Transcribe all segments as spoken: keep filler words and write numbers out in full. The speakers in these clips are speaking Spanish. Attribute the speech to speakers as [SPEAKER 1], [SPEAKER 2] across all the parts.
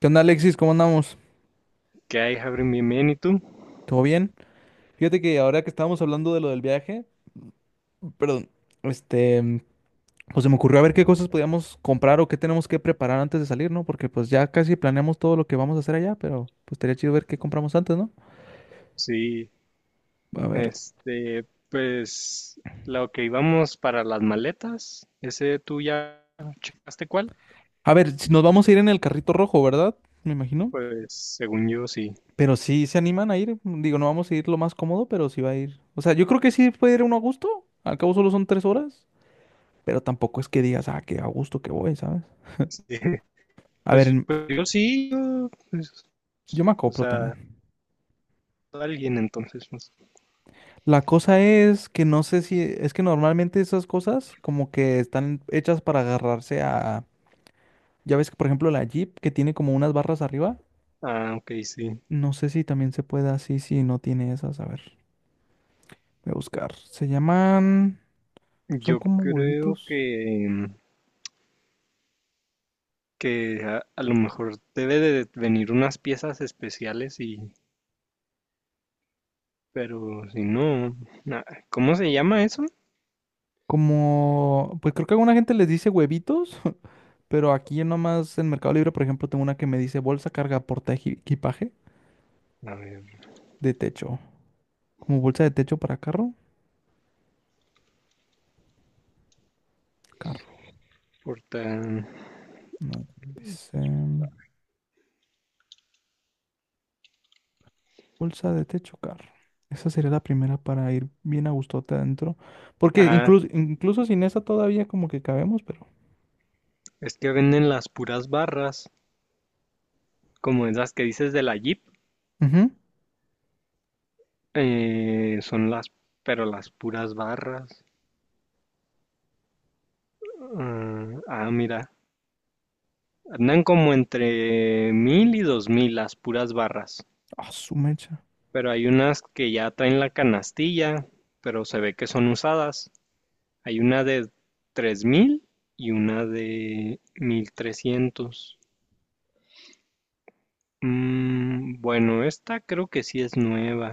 [SPEAKER 1] ¿Qué onda, Alexis? ¿Cómo andamos?
[SPEAKER 2] ¿Qué hay, Javier? Bienvenido. ¿Y tú?
[SPEAKER 1] ¿Todo bien? Fíjate que ahora que estábamos hablando de lo del viaje, perdón, este, pues se me ocurrió a ver qué cosas podíamos comprar o qué tenemos que preparar antes de salir, ¿no? Porque pues ya casi planeamos todo lo que vamos a hacer allá, pero pues estaría chido ver qué compramos antes, ¿no?
[SPEAKER 2] Sí,
[SPEAKER 1] A ver,
[SPEAKER 2] este, pues lo que íbamos para las maletas. ¿Ese tú ya checaste cuál?
[SPEAKER 1] a ver, si nos vamos a ir en el carrito rojo, ¿verdad? Me imagino.
[SPEAKER 2] Pues según yo sí.
[SPEAKER 1] Pero sí se animan a ir, digo, no vamos a ir lo más cómodo, pero sí va a ir. O sea, yo creo que sí puede ir uno a gusto, al cabo solo son tres horas, pero tampoco es que digas, ah, qué a gusto que voy, ¿sabes?
[SPEAKER 2] Sí.
[SPEAKER 1] A ver,
[SPEAKER 2] Pues,
[SPEAKER 1] en-
[SPEAKER 2] pues, yo sí, yo, pues,
[SPEAKER 1] yo me
[SPEAKER 2] o
[SPEAKER 1] acoplo también.
[SPEAKER 2] sea, alguien entonces. Pues.
[SPEAKER 1] La cosa es que no sé si, es que normalmente esas cosas como que están hechas para agarrarse a, ya ves que por ejemplo la Jeep que tiene como unas barras arriba,
[SPEAKER 2] Ah, ok, sí.
[SPEAKER 1] no sé si también se puede así, si no tiene esas, a ver, voy a buscar. Se llaman, son
[SPEAKER 2] Yo
[SPEAKER 1] como
[SPEAKER 2] creo que,
[SPEAKER 1] huevitos,
[SPEAKER 2] que a, a lo mejor debe de venir unas piezas especiales y, pero si no, na- ¿cómo se llama eso?
[SPEAKER 1] como, pues creo que alguna gente les dice huevitos, pero aquí nomás en Mercado Libre, por ejemplo, tengo una que me dice bolsa carga porta eji- equipaje
[SPEAKER 2] A ver,
[SPEAKER 1] de techo, como bolsa de techo para carro, carro,
[SPEAKER 2] porta.
[SPEAKER 1] no, dice... Bolsa de techo, carro. Esa sería la primera para ir bien a gustote adentro. Porque
[SPEAKER 2] Ah,
[SPEAKER 1] incluso, incluso sin esa todavía como que cabemos, pero.
[SPEAKER 2] es que venden las puras barras, como esas que dices de la Jeep.
[SPEAKER 1] Ujú.
[SPEAKER 2] eh, son las, pero las puras barras. Ah, ah, mira, andan como entre mil y dos mil las puras barras.
[SPEAKER 1] Ah, su mecha.
[SPEAKER 2] Pero hay unas que ya traen la canastilla, pero se ve que son usadas. Hay una de tres mil y una de mil trescientos. Mm, bueno, esta creo que sí es nueva,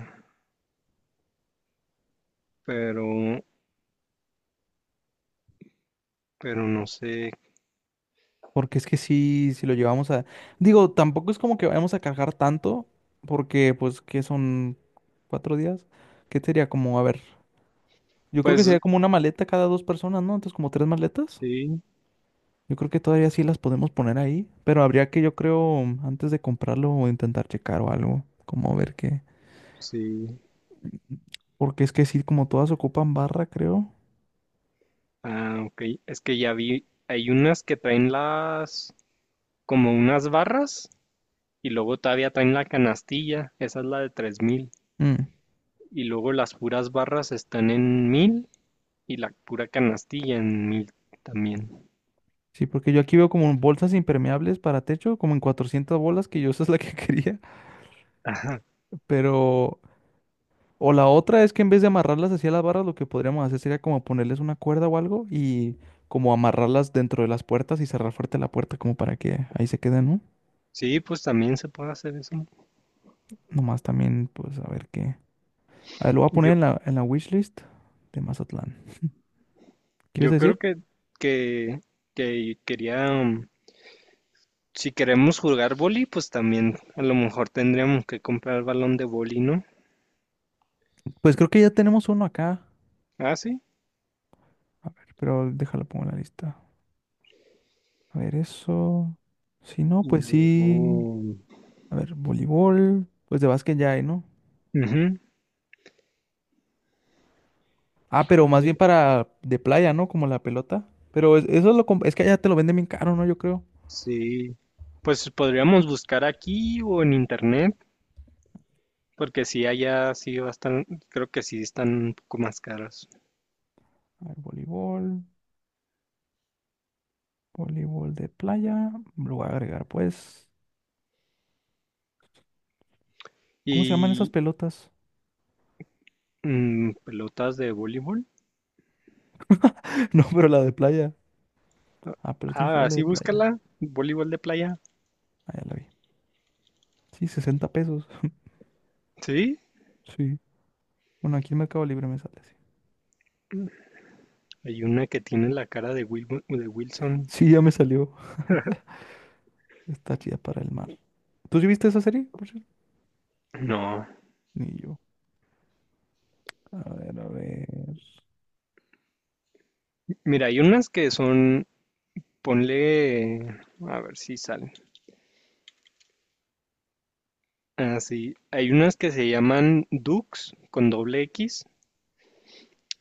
[SPEAKER 2] pero, pero no sé.
[SPEAKER 1] Porque es que sí, si lo llevamos a. Digo, tampoco es como que vayamos a cargar tanto. Porque, pues, que son cuatro días. ¿Qué sería como, a ver? Yo creo que
[SPEAKER 2] Pues
[SPEAKER 1] sería como una maleta cada dos personas, ¿no? Entonces, como tres maletas.
[SPEAKER 2] sí.
[SPEAKER 1] Yo creo que todavía sí las podemos poner ahí. Pero habría que, yo creo, antes de comprarlo, intentar checar o algo. Como ver qué.
[SPEAKER 2] Sí.
[SPEAKER 1] Porque es que sí, como todas ocupan barra, creo.
[SPEAKER 2] Ah, ok. Es que ya vi, hay unas que traen las, como unas barras y luego todavía traen la canastilla. Esa es la de tres mil.
[SPEAKER 1] Mm,
[SPEAKER 2] Y luego las puras barras están en mil y la pura canastilla en mil también.
[SPEAKER 1] sí, porque yo aquí veo como bolsas impermeables para techo, como en cuatrocientas bolas, que yo esa es la que quería.
[SPEAKER 2] Ajá.
[SPEAKER 1] Pero... O la otra es que en vez de amarrarlas hacia las barras, lo que podríamos hacer sería como ponerles una cuerda o algo y como amarrarlas dentro de las puertas y cerrar fuerte la puerta como para que ahí se queden, ¿no?
[SPEAKER 2] Sí, pues también se puede hacer eso.
[SPEAKER 1] Nomás también, pues a ver qué. A ver, lo voy a poner
[SPEAKER 2] Yo,
[SPEAKER 1] en la, en la wishlist de Mazatlán. ¿Qué ibas a
[SPEAKER 2] yo
[SPEAKER 1] decir?
[SPEAKER 2] creo que, que, que quería, um, si queremos jugar boli, pues también a lo mejor tendríamos que comprar el balón de boli, ¿no?
[SPEAKER 1] Pues creo que ya tenemos uno acá.
[SPEAKER 2] Ah, sí.
[SPEAKER 1] A ver, pero déjalo pongo en la lista. A ver, eso. Si no,
[SPEAKER 2] Y
[SPEAKER 1] pues
[SPEAKER 2] luego.
[SPEAKER 1] sí. A ver, voleibol. Pues de básquet ya hay, ¿no?
[SPEAKER 2] Ujú,
[SPEAKER 1] Ah, pero más bien
[SPEAKER 2] ujú.
[SPEAKER 1] para de playa, ¿no? Como la pelota. Pero es- eso lo, com- es que allá te lo venden bien caro, ¿no? Yo creo.
[SPEAKER 2] Sí, pues podríamos buscar aquí o en internet, porque si allá sí bastan, creo que sí están un poco más caros.
[SPEAKER 1] A ver, voleibol. Voleibol de playa. Lo voy a agregar, pues. ¿Cómo se llaman esas
[SPEAKER 2] Y
[SPEAKER 1] pelotas?
[SPEAKER 2] mm, pelotas de voleibol.
[SPEAKER 1] No, pero la de playa. Ah, pelota
[SPEAKER 2] Ah,
[SPEAKER 1] inflable
[SPEAKER 2] sí,
[SPEAKER 1] de playa.
[SPEAKER 2] búscala, voleibol de playa.
[SPEAKER 1] Ah, ya la vi. Sí, sesenta pesos.
[SPEAKER 2] Sí,
[SPEAKER 1] Sí. Bueno, aquí en Mercado Libre me sale así.
[SPEAKER 2] hay una que tiene la cara de Wil- de Wilson.
[SPEAKER 1] Sí, ya me salió. Está chida para el mar. ¿Tú sí viste esa serie? Por cierto.
[SPEAKER 2] No,
[SPEAKER 1] Ni yo. A ver, a ver.
[SPEAKER 2] mira, hay unas que son, ponle, a ver si salen. Ah, sí, hay unas que se llaman Dux con doble X.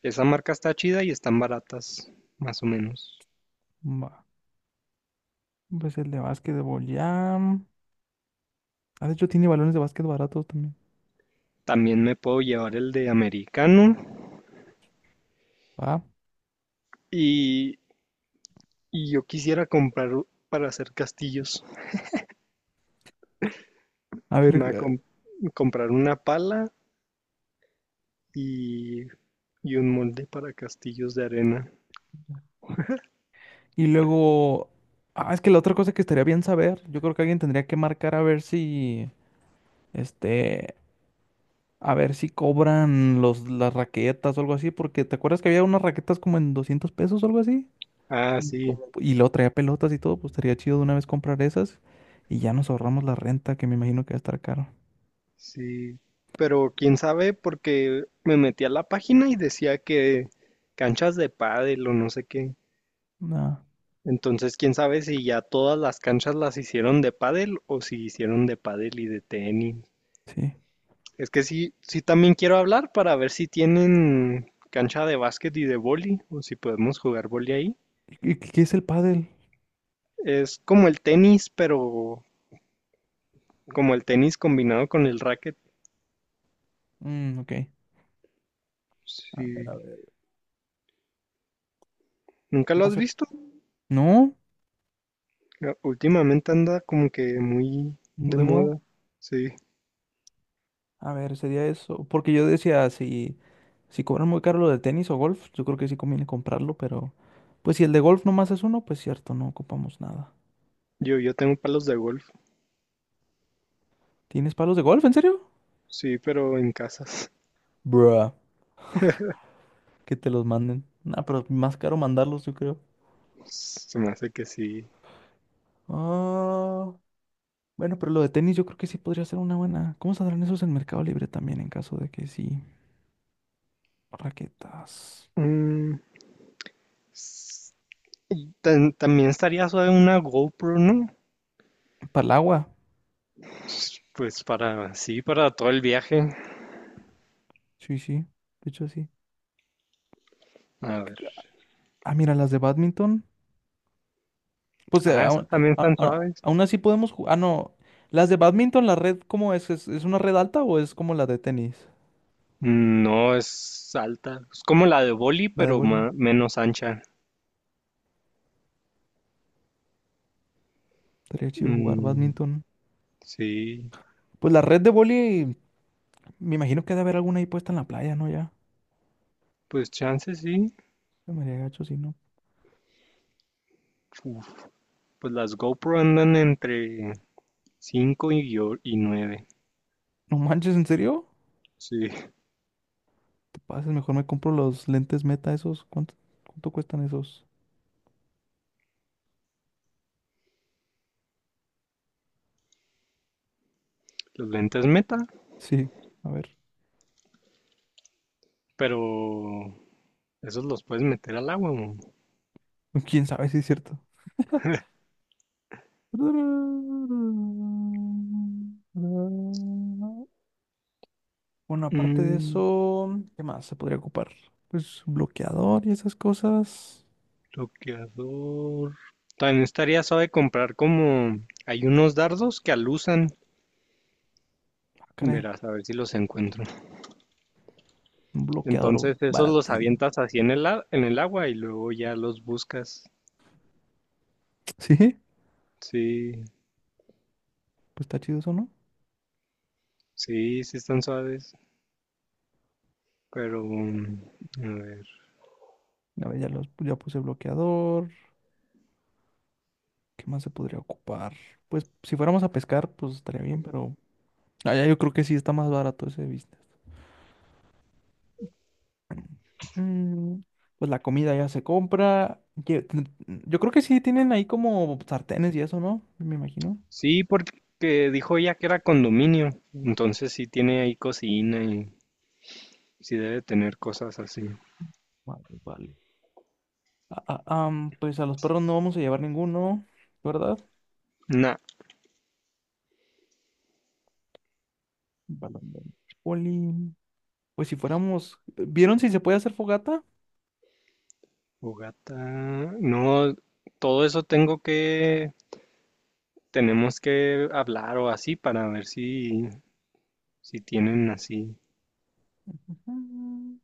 [SPEAKER 2] Esa marca está chida y están baratas, más o menos.
[SPEAKER 1] Va. Pues el de básquetbol ya. Ah, de hecho, tiene balones de básquet baratos también.
[SPEAKER 2] También me puedo llevar el de americano
[SPEAKER 1] Va.
[SPEAKER 2] y, y yo quisiera comprar u- para hacer castillos.
[SPEAKER 1] A ver.
[SPEAKER 2] Me voy a
[SPEAKER 1] eh,
[SPEAKER 2] com- comprar una pala y, y un molde para castillos de arena.
[SPEAKER 1] Y luego. Ah, es que la otra cosa que estaría bien saber. Yo creo que alguien tendría que marcar a ver si. Este. A ver si cobran los, las raquetas o algo así. Porque ¿te acuerdas que había unas raquetas como en doscientos pesos o algo así?
[SPEAKER 2] Ah,
[SPEAKER 1] Como,
[SPEAKER 2] sí,
[SPEAKER 1] como- y luego traía pelotas y todo. Pues estaría chido de una vez comprar esas. Y ya nos ahorramos la renta, que me imagino que va a estar caro.
[SPEAKER 2] sí. Pero quién sabe porque me metí a la página y decía que canchas de pádel o no sé qué.
[SPEAKER 1] Nah,
[SPEAKER 2] Entonces, quién sabe si ya todas las canchas las hicieron de pádel o si hicieron de pádel y de tenis.
[SPEAKER 1] sí.
[SPEAKER 2] Es que sí, sí también quiero hablar para ver si tienen cancha de básquet y de vóley o si podemos jugar vóley ahí.
[SPEAKER 1] ¿Y qué qué es el pádel?
[SPEAKER 2] Es como el tenis, pero como el tenis combinado con el racket.
[SPEAKER 1] Mm, ok. A ver,
[SPEAKER 2] Sí.
[SPEAKER 1] a ver.
[SPEAKER 2] ¿Nunca lo
[SPEAKER 1] No
[SPEAKER 2] has
[SPEAKER 1] sé.
[SPEAKER 2] visto?
[SPEAKER 1] ¿No?
[SPEAKER 2] Ya, últimamente anda como que muy de
[SPEAKER 1] ¿De moda?
[SPEAKER 2] moda. Sí.
[SPEAKER 1] A ver, sería eso. Porque yo decía, si, si cobran muy caro lo de tenis o golf, yo creo que sí conviene comprarlo, pero pues si el de golf nomás es uno, pues cierto, no ocupamos nada.
[SPEAKER 2] Yo, yo tengo palos de golf.
[SPEAKER 1] ¿Tienes palos de golf, en serio?
[SPEAKER 2] Sí, pero en casas.
[SPEAKER 1] Bruh, que te los manden. Nah, pero más caro mandarlos, yo creo.
[SPEAKER 2] Se me hace que sí.
[SPEAKER 1] Ah, bueno, pero lo de tenis yo creo que sí podría ser una buena. ¿Cómo saldrán esos en Mercado Libre también en caso de que sí? Raquetas.
[SPEAKER 2] Mm, S- Tan- también estaría suave una GoPro, ¿no?
[SPEAKER 1] Para el agua.
[SPEAKER 2] Pues para, sí, para todo el viaje.
[SPEAKER 1] Sí, sí, de hecho sí.
[SPEAKER 2] A
[SPEAKER 1] ¿Qué
[SPEAKER 2] ver.
[SPEAKER 1] ca- Ah, mira, las de badminton. Pues eh,
[SPEAKER 2] Ah, esas
[SPEAKER 1] aún,
[SPEAKER 2] también
[SPEAKER 1] a-
[SPEAKER 2] están
[SPEAKER 1] a-
[SPEAKER 2] suaves.
[SPEAKER 1] aún así podemos jugar. Ah, no. Las de badminton, la red, ¿cómo es? ¿Es, es una red alta o es como la de tenis?
[SPEAKER 2] Mm, No es alta. Es como la de Boli,
[SPEAKER 1] La de
[SPEAKER 2] pero
[SPEAKER 1] voleibol.
[SPEAKER 2] ma- menos ancha.
[SPEAKER 1] Estaría chido jugar
[SPEAKER 2] Mm,
[SPEAKER 1] badminton.
[SPEAKER 2] sí,
[SPEAKER 1] Pues la red de voleibol, me imagino que debe haber alguna ahí puesta en la playa, ¿no? Ya.
[SPEAKER 2] pues chance sí.
[SPEAKER 1] Se me haría gacho si no.
[SPEAKER 2] Uf, pues las GoPro andan entre cinco y, yo- y nueve.
[SPEAKER 1] No manches, ¿en serio?
[SPEAKER 2] Sí,
[SPEAKER 1] Te pases, mejor me compro los lentes Meta esos. ¿Cuánto, cuánto cuestan esos?
[SPEAKER 2] los lentes meta,
[SPEAKER 1] Sí, a ver.
[SPEAKER 2] pero esos los puedes meter al agua, ¿no?
[SPEAKER 1] ¿Quién sabe si es cierto? Bueno, aparte de
[SPEAKER 2] Mm,
[SPEAKER 1] eso, ¿qué más se podría ocupar? Pues un bloqueador y esas cosas.
[SPEAKER 2] Bloqueador. También estaría suave comprar como hay unos dardos que alusan.
[SPEAKER 1] Ah, caray,
[SPEAKER 2] Verás, a ver si los encuentro.
[SPEAKER 1] un bloqueador
[SPEAKER 2] Entonces esos los
[SPEAKER 1] baratí.
[SPEAKER 2] avientas así en el, a- en el agua y luego ya los buscas.
[SPEAKER 1] Sí, pues
[SPEAKER 2] Sí,
[SPEAKER 1] está chido eso, ¿no?
[SPEAKER 2] sí, sí están suaves. Pero, mm, a ver.
[SPEAKER 1] A ver, ya, los, ya puse bloqueador. ¿Qué más se podría ocupar? Pues si fuéramos a pescar, pues estaría bien, pero allá yo creo que sí está más barato ese business. Mm. Pues la comida ya se compra. Lle- ten- Yo creo que sí tienen ahí como sartenes y eso, ¿no? Me imagino.
[SPEAKER 2] Sí, porque dijo ella que era condominio. Entonces sí tiene ahí cocina y sí debe tener cosas así.
[SPEAKER 1] Vale, vale. Ah, ah, am, pues a los perros no vamos a llevar ninguno, ¿verdad?
[SPEAKER 2] Nah,
[SPEAKER 1] Balón de boli. Pues si fuéramos... ¿Vieron si se puede hacer fogata?
[SPEAKER 2] fogata. No, todo eso tengo que Tenemos que hablar o así para ver si, si tienen así.
[SPEAKER 1] Mm.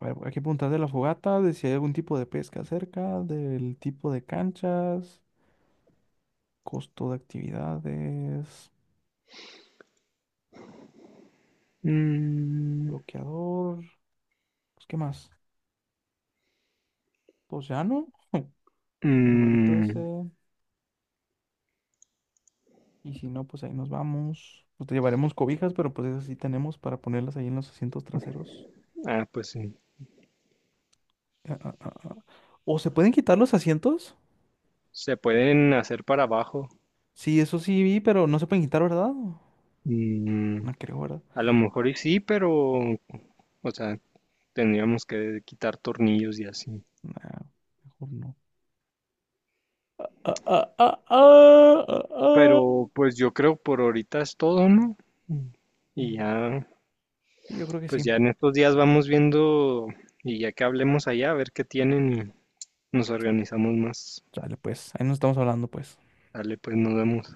[SPEAKER 1] A ver, hay que preguntar de la fogata, de si hay algún tipo de pesca cerca, del tipo de canchas, costo de actividades,
[SPEAKER 2] Mm,
[SPEAKER 1] bloqueador. Pues, ¿qué más? Pues ya no. El huevito ese.
[SPEAKER 2] mm,
[SPEAKER 1] Y si no, pues ahí nos vamos. Pues te llevaremos cobijas, pero pues esas sí tenemos para ponerlas ahí en los asientos traseros.
[SPEAKER 2] ah, pues sí.
[SPEAKER 1] Ah, ah, ah, ah. ¿O se pueden quitar los asientos?
[SPEAKER 2] Se pueden hacer para abajo.
[SPEAKER 1] Sí, eso sí vi, pero no se pueden quitar, ¿verdad?
[SPEAKER 2] Mm,
[SPEAKER 1] No creo, ¿verdad?
[SPEAKER 2] a lo mejor y sí, pero, o sea, tendríamos que quitar tornillos y así.
[SPEAKER 1] Nah, mejor no. Ah, ah, ah, ah, ah, ah.
[SPEAKER 2] Pero pues yo creo por ahorita es todo, ¿no? Y
[SPEAKER 1] Mm,
[SPEAKER 2] ya,
[SPEAKER 1] yo creo que
[SPEAKER 2] pues
[SPEAKER 1] sí.
[SPEAKER 2] ya en estos días vamos viendo y ya que hablemos allá, a ver qué tienen y nos organizamos más.
[SPEAKER 1] Dale, pues, ahí nos estamos hablando, pues.
[SPEAKER 2] Dale, pues nos vemos.